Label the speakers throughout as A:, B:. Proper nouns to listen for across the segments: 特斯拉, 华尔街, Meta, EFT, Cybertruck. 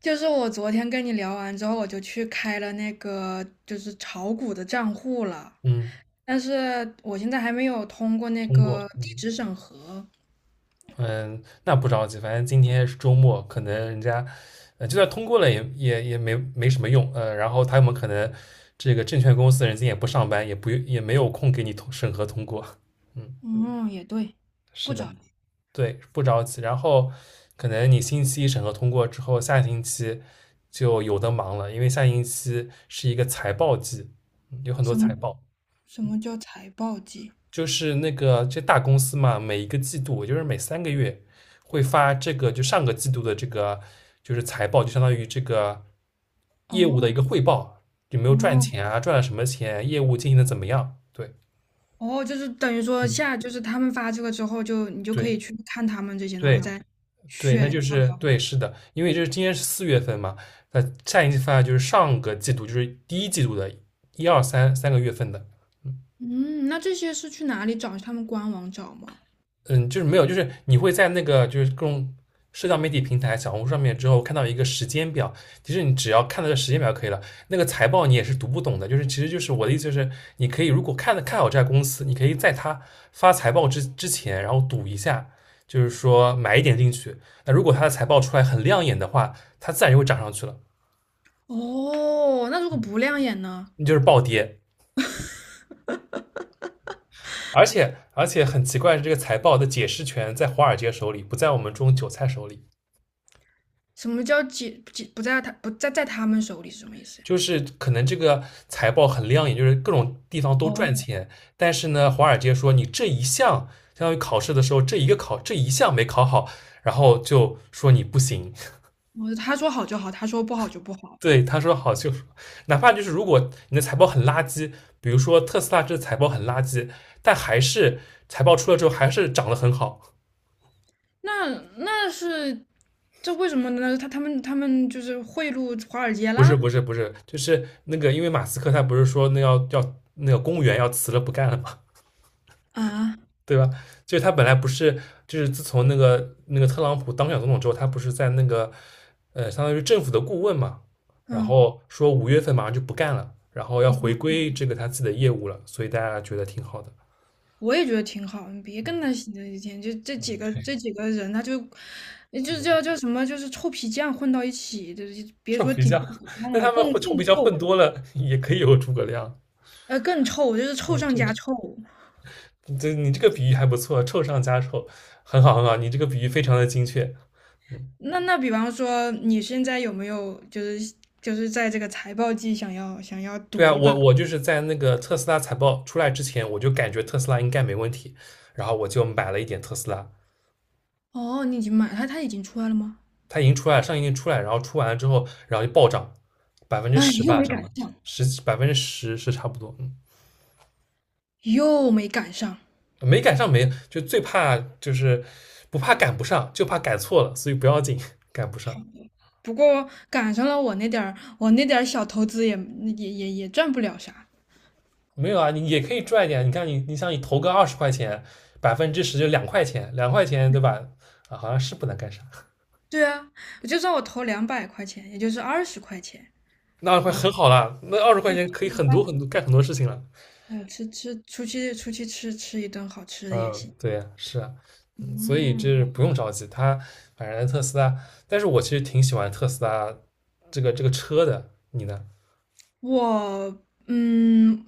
A: 就是我昨天跟你聊完之后，我就去开了那个就是炒股的账户了，
B: 嗯，
A: 但是我现在还没有通过那
B: 通过，
A: 个地
B: 嗯
A: 址审核。
B: 嗯，那不着急，反正今天是周末，可能人家，就算通过了也没什么用，然后他们可能这个证券公司的人今天也不上班，也没有空给你通审核通过，嗯，
A: 嗯，也对，
B: 是
A: 不
B: 的，
A: 着急。
B: 对，不着急，然后可能你星期一审核通过之后，下星期就有的忙了，因为下星期是一个财报季，有很多
A: 什么
B: 财
A: 嗯
B: 报，
A: 什么叫财报季？
B: 就是那个这大公司嘛，每一个季度，也就是每3个月会发这个，就上个季度的这个就是财报，就相当于这个业务的一个
A: 哦
B: 汇报，有没有赚
A: 哦
B: 钱啊，赚了什么钱，业务经营的怎么样？对，
A: 哦，就是等于说
B: 嗯，
A: 下就是他们发这个之后就，你就可
B: 对
A: 以去看他们这些，然后
B: 对
A: 再
B: 对，那
A: 选
B: 就
A: 要不
B: 是
A: 要买。
B: 对，是的，因为就是今天是4月份嘛，那下一次发就是上个季度，就是第1季度的一二三个月份的。
A: 嗯，那这些是去哪里找？他们官网找吗？
B: 嗯，就是没有，就是你会在那个就是各种社交媒体平台、小红书上面之后看到一个时间表，其实你只要看到这时间表就可以了。那个财报你也是读不懂的，就是其实就是我的意思就是，你可以如果看的看好这家公司，你可以在它发财报之前，然后赌一下，就是说买一点进去。那如果它的财报出来很亮眼的话，它自然就会涨上去了，
A: 哦，那如果不亮眼呢？
B: 你就是暴跌。而且很奇怪，的这个财报的解释权在华尔街手里，不在我们这种韭菜手里。
A: 什么叫解不在他们手里是什么意思呀？
B: 就是可能这个财报很亮眼，就是各种地方都赚
A: 哦，
B: 钱，但是呢，华尔街说你这一项，相当于考试的时候这一个考这一项没考好，然后就说你不行。
A: 我他说好就好，他说不好就不好。
B: 对，他说好就，哪怕就是如果你的财报很垃圾，比如说特斯拉这财报很垃圾，但还是财报出了之后还是涨得很好。
A: 那那为什么呢？他们就是贿赂华尔街
B: 不是
A: 啦？
B: 不是不是，就是那个，因为马斯克他不是说那要那个公务员要辞了不干了吗？
A: 啊，
B: 对吧？就是他本来不是，就是自从那个特朗普当选总统之后，他不是在那个相当于政府的顾问嘛，然
A: 嗯，
B: 后说5月份马上就不干了，然后要回归这个他自己的业务了，所以大家觉得挺好的。
A: 我也觉得挺好，你别跟他闲着一天，就这几个
B: 对
A: 这几个人，他就就叫
B: 嗯
A: 什么，就是臭皮匠混到一起，就是别
B: 臭
A: 说
B: 皮
A: 顶
B: 匠，
A: 皮 匠
B: 那
A: 了，
B: 他们
A: 更
B: 混臭
A: 更
B: 皮匠
A: 臭，
B: 混多了也可以有诸葛亮。
A: 更臭，就是
B: 嗯，
A: 臭上
B: 这
A: 加臭。
B: 这这你这个比喻还不错，臭上加臭，很好很好，你这个比喻非常的精确。嗯，
A: 那比方说，你现在有没有就是在这个财报季想要
B: 对
A: 赌
B: 啊，
A: 一把？
B: 我就是在那个特斯拉财报出来之前，我就感觉特斯拉应该没问题，然后我就买了一点特斯拉，
A: 哦，你已经买它，它已经出来了吗？
B: 它已经出来了，上一年出来，然后出完了之后，然后就暴涨，百分之
A: 哎，
B: 十
A: 又
B: 吧，
A: 没
B: 涨
A: 赶
B: 了
A: 上，
B: 百分之十是差不多，嗯，
A: 又没赶上。
B: 没赶上没就最怕就是不怕赶不上，就怕赶错了，所以不要紧，赶不上
A: 不过赶上了我那点儿小投资也赚不了啥。
B: 没有啊，你也可以赚一点，你看你想你投个二十块钱，百分之十就两块钱，两块钱对吧？啊，好像是不能干啥，
A: 对啊，就算我投两百块钱，也就是二十块钱
B: 那会
A: 啊，
B: 很好啦，那二十块
A: 可以吃
B: 钱可以
A: 顿
B: 很
A: 饭，
B: 多很多干很多事情了。
A: 哎，出去吃一顿好吃的
B: 嗯，
A: 也行。
B: 对呀，是啊，所以
A: 嗯。
B: 这不用着急，他反正特斯拉，但是我其实挺喜欢特斯拉这个车的，你呢？
A: 我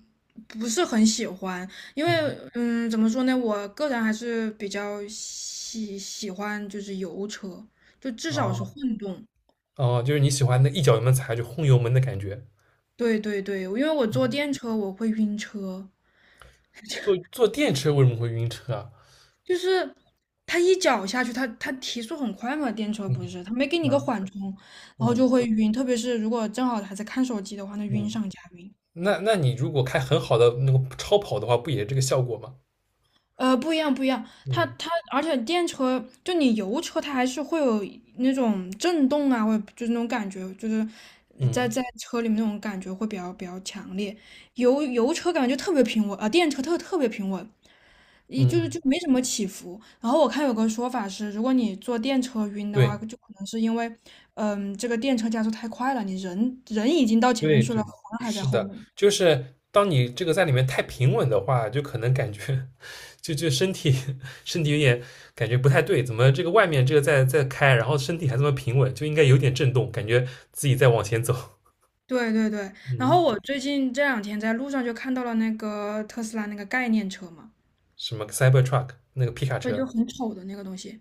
A: 不是很喜欢，因为
B: 嗯，
A: 怎么说呢，我个人还是比较喜欢就是油车，就至少是
B: 哦
A: 混动。
B: 哦，就是你喜欢那一脚油门踩下去轰油门的感觉。
A: 对对对，因为我坐
B: 嗯
A: 电车我会晕车，
B: 坐电车为什么会晕车啊？
A: 就是它一脚下去，它提速很快嘛，电车
B: 嗯
A: 不是，它没给你个
B: 嗯
A: 缓冲，然后
B: 嗯
A: 就会晕，特别是如果正好还在看手机的话，那晕
B: 嗯，
A: 上加晕。
B: 那你如果开很好的那个超跑的话，不也这个效果吗？
A: 呃，不一样，不一样。
B: 嗯
A: 而且电车就你油车，它还是会有那种震动啊，或者就是那种感觉，就是在
B: 嗯
A: 在车里面那种感觉会比较强烈。油车感觉就特别平稳啊，电车特别平稳，一
B: 嗯
A: 就是
B: 嗯，
A: 就没什么起伏。然后我看有个说法是，如果你坐电车晕的话，
B: 对。
A: 就可能是因为，嗯，这个电车加速太快了，你人已经到前面
B: 对
A: 去了，
B: 对，
A: 魂儿还在
B: 是
A: 后
B: 的，
A: 面。
B: 就是当你这个在里面太平稳的话，就可能感觉 就身体 身体有点感觉不太对，怎么这个外面这个在开，然后身体还这么平稳，就应该有点震动，感觉自己在往前走。
A: 对对对，然后
B: 嗯，
A: 我最近这两天在路上就看到了那个特斯拉那个概念车嘛，
B: 什么 Cybertruck 那个皮卡
A: 对，就
B: 车
A: 很丑的那个东西。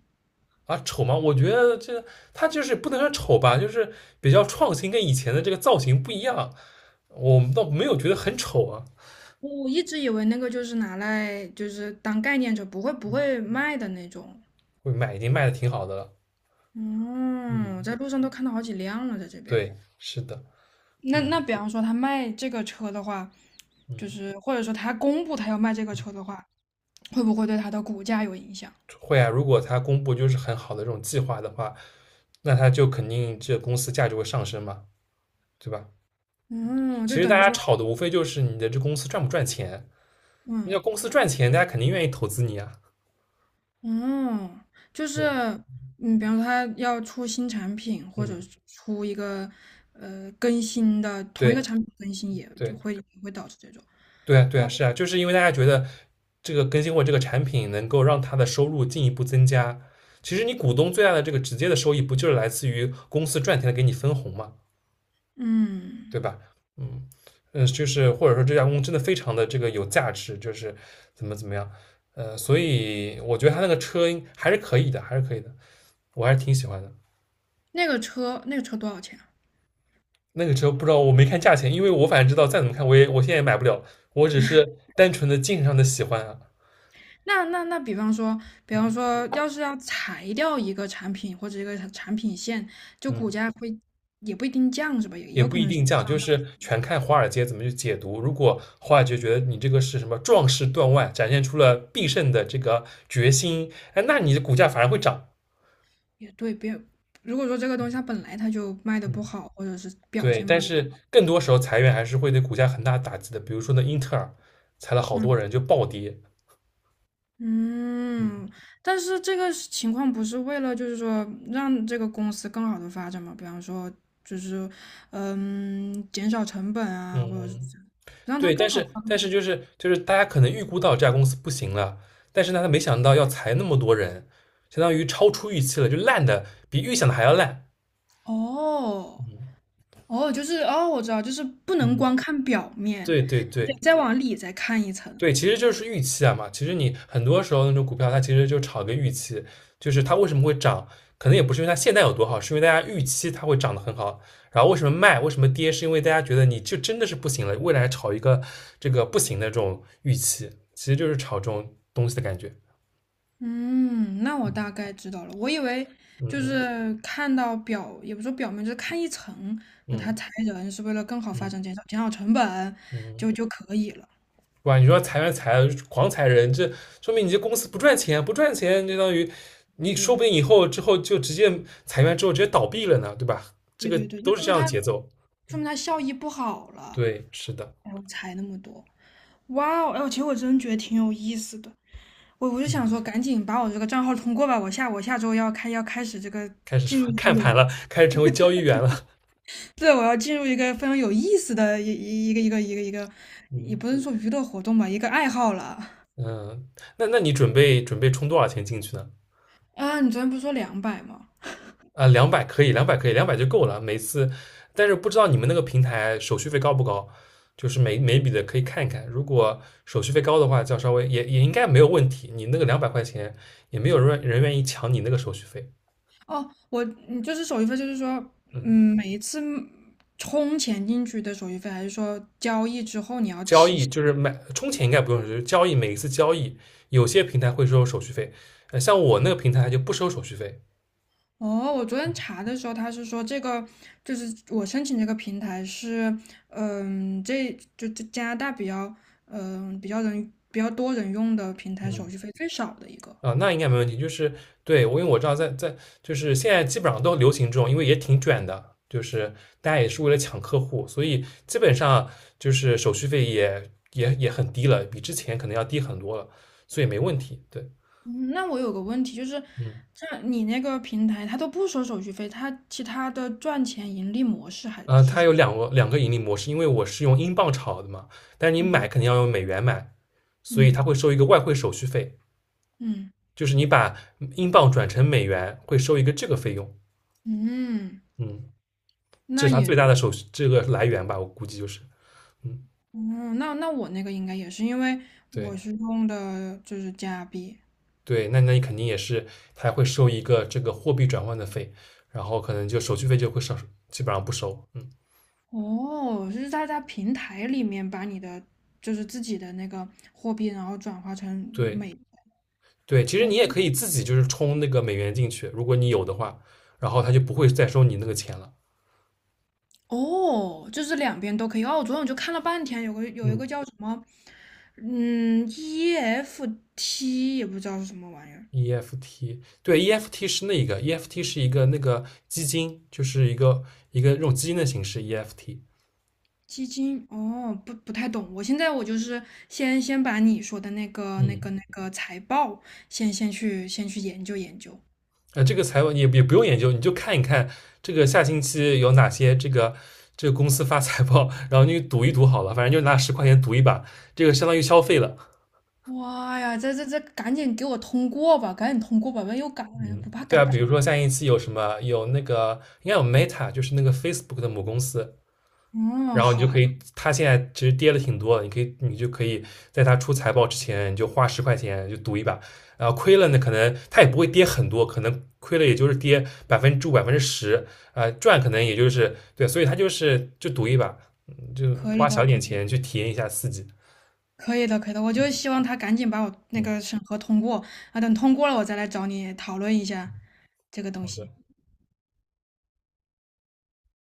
B: 啊，丑吗？我觉得这它就是不能说丑吧，就是比较创新，跟以前的这个造型不一样，我们倒没有觉得很丑啊，
A: 我一直以为那个就是拿来就是当概念车，不会卖的那种。
B: 会卖已经卖的挺好的了。嗯，
A: 嗯，我在路上都看到好几辆了，在这边。
B: 对，是的，
A: 那
B: 嗯
A: 那比方说他卖这个车的话，就
B: 嗯。
A: 是或者说他公布他要卖这个车的话，会不会对他的股价有影响？
B: 会啊，如果他公布就是很好的这种计划的话，那他就肯定这公司价值会上升嘛，对吧？
A: 嗯，
B: 其
A: 就
B: 实
A: 等
B: 大
A: 于
B: 家
A: 说，
B: 炒的无非就是你的这公司赚不赚钱，你
A: 嗯。
B: 要公司赚钱，大家肯定愿意投资你啊，
A: 嗯，就
B: 对
A: 是，
B: 吧？
A: 嗯，比方说他要出新产品，或
B: 嗯，
A: 者是出一个更新的同一
B: 对
A: 个产品更新也，就
B: 对
A: 会也会导致这种。
B: 对啊，对啊，
A: 哇，
B: 是啊，就是因为大家觉得这个更新或者这个产品能够让他的收入进一步增加。其实你股东最大的这个直接的收益，不就是来自于公司赚钱的给你分红吗？
A: 嗯，
B: 对吧？嗯嗯，就是或者说这家公司真的非常的这个有价值，就是怎么样，所以我觉得他那个车应还是可以的，还是可以的，我还是挺喜欢的。
A: 那个车多少钱啊
B: 那个车不知道我没看价钱，因为我反正知道再怎么看我现在也买不了，我只是单纯的精神上的喜欢啊，
A: 那那那，比方说，比
B: 嗯
A: 方说，要是要裁掉一个产品或者一个产品线，就
B: 嗯，
A: 股价会也不一定降是吧？也也
B: 也
A: 有
B: 不
A: 可
B: 一
A: 能是
B: 定降，就
A: 上升。
B: 是全看华尔街怎么去解读。如果华尔街觉得你这个是什么壮士断腕，展现出了必胜的这个决心，哎，那你的股价反而会涨。
A: 也对，别如果说这个东西它本来它就卖的
B: 嗯
A: 不好，或者是表
B: 对，
A: 现
B: 但
A: 不好，
B: 是更多时候裁员还是会对股价很大打击的。比如说那英特尔裁了好
A: 嗯。
B: 多人，就暴跌。嗯
A: 嗯，但是这个是情况不是为了就是说让这个公司更好的发展嘛？比方说就是嗯减少成本啊，或者是
B: 嗯，
A: 这样让它
B: 对，
A: 更
B: 但
A: 好
B: 是
A: 发
B: 但是
A: 展。
B: 就是大家可能预估到这家公司不行了，但是呢，他没想到要裁那么多人，相当于超出预期了，就烂的比预想的还要烂。
A: 哦哦，就是哦，我知道，就是不能
B: 嗯，
A: 光看表面，
B: 对对对，
A: 得再往里再看一层。
B: 对，其实就是预期啊嘛。其实你很多时候那种股票，它其实就炒个预期，就是它为什么会涨，可能也不是因为它现在有多好，是因为大家预期它会涨得很好。然后为什么卖，为什么跌，是因为大家觉得你就真的是不行了，未来炒一个这个不行的这种预期，其实就是炒这种东西的感觉。
A: 嗯，那我大概知道了。我以为
B: 嗯
A: 就
B: 嗯
A: 是看到表，也不说表面，就是看一层，就他
B: 嗯
A: 裁人是为了更好发
B: 嗯
A: 展，减少成本
B: 嗯。
A: 就就可以了。
B: 哇，你说裁员裁了狂裁人，这说明你这公司不赚钱，不赚钱就相当于
A: 对
B: 你说
A: 对
B: 不定以后之后就直接裁员之后直接倒闭了呢，对吧？这个
A: 对对，就
B: 都是
A: 说
B: 这
A: 明
B: 样的
A: 他
B: 节奏。
A: 说明他效益不好了，
B: 对，是的，
A: 然后裁那么多。哇哦，哎呦，其实我真觉得挺有意思的。我就
B: 嗯，
A: 想说，赶紧把我这个账号通过吧，我下周要开始这个
B: 开始什
A: 进入
B: 么
A: 一 个
B: 看
A: 有，
B: 盘了，开始成为交易员了，
A: 对，我要进入一个非常有意思的一个，也
B: 嗯
A: 不是说娱乐活动吧，一个爱好了。
B: 嗯，那那你准备准备充多少钱进去呢？
A: 啊，你昨天不是说两百吗？
B: 啊，两百可以，两百可以，两百就够了。每次，但是不知道你们那个平台手续费高不高？就是每笔的可以看一看，如果手续费高的话，就要稍微也应该没有问题。你那个200块也没有人愿意抢你那个手续费。
A: 哦，你就是手续费，就是说，
B: 嗯，
A: 嗯，每一次充钱进去的手续费，还是说交易之后你要
B: 交
A: 提
B: 易就是买充钱应该不用就是交易每一次交易有些平台会收手续费，像我那个平台就不收手续费。
A: 哦，我昨天查的时候，他是说这个就是我申请这个平台是，嗯，这加拿大比较，嗯，比较多人用的平台，
B: 嗯。
A: 手续费最少的一个。
B: 啊，那应该没问题。就是对我，因为我知道在就是现在基本上都流行这种，因为也挺卷的，就是大家也是为了抢客户，所以基本上就是手续费也很低了，比之前可能要低很多了，所以没问题。对，
A: 嗯，那我有个问题就是，
B: 嗯，
A: 这你那个平台，它都不收手续费，它其他的赚钱盈利模式还是
B: 它
A: 什么？
B: 有两个盈利模式，因为我是用英镑炒的嘛，但是你
A: 嗯
B: 买肯定要用美元买，所以
A: 嗯
B: 它会收一个外汇手续费，
A: 嗯
B: 就是你把英镑转成美元会收一个这个费用，
A: 嗯，
B: 嗯，这
A: 那
B: 是它
A: 也，
B: 最大的手续这个来源吧，我估计就是，嗯。
A: 嗯，那我那个应该也是，因为我
B: 对
A: 是用的就是加币。
B: 对，那那你肯定也是，他会收一个这个货币转换的费，然后可能就手续费就会少，基本上不收。嗯，
A: 哦，是在在平台里面把你的就是自己的那个货币，然后转化成
B: 对
A: 美元
B: 对，其实你也
A: 哦，
B: 可以自己就是充那个美元进去，如果你有的话，然后他就不会再收你那个钱了。
A: 哦，就是两边都可以。哦，昨天我就看了半天，有一
B: 嗯
A: 个叫什么，嗯，EFT 也不知道是什么玩意儿，
B: ，EFT 对 EFT 是那个 EFT 是一个那个基金，就是一个这种基金的形式 EFT。
A: 基金。哦，不不太懂。我现在就是先把你说的那个那个
B: 嗯。
A: 那个财报先去研究研究。
B: 这个财报你也也不用研究，你就看一看这个下星期有哪些这个这个公司发财报，然后你赌一赌好了，反正就拿十块钱赌一把，这个相当于消费了。
A: 哇呀，这，赶紧给我通过吧，赶紧通过吧，万一又赶
B: 嗯，
A: 不怕
B: 对
A: 赶
B: 啊，
A: 不
B: 比
A: 上。
B: 如说下星期有什么有那个应该有 Meta，就是那个 Facebook 的母公司，
A: 嗯，
B: 然后你
A: 好，
B: 就
A: 好
B: 可以，它现在其实跌了挺多的，你可以你就可以在它出财报之前，你就花十块钱就赌一把，然后亏了呢，可能它也不会跌很多，可能亏了也就是跌5%、百分之十，赚可能也就是对，所以它就是就赌一把，就
A: 可以
B: 花
A: 的，
B: 小
A: 可
B: 点
A: 以，
B: 钱去体验一下刺激。
A: 可以的，可以的。我就希望他赶紧把我那
B: 嗯，
A: 个审核通过啊，等通过了，我再来找你讨论一下这个东
B: 好的。
A: 西。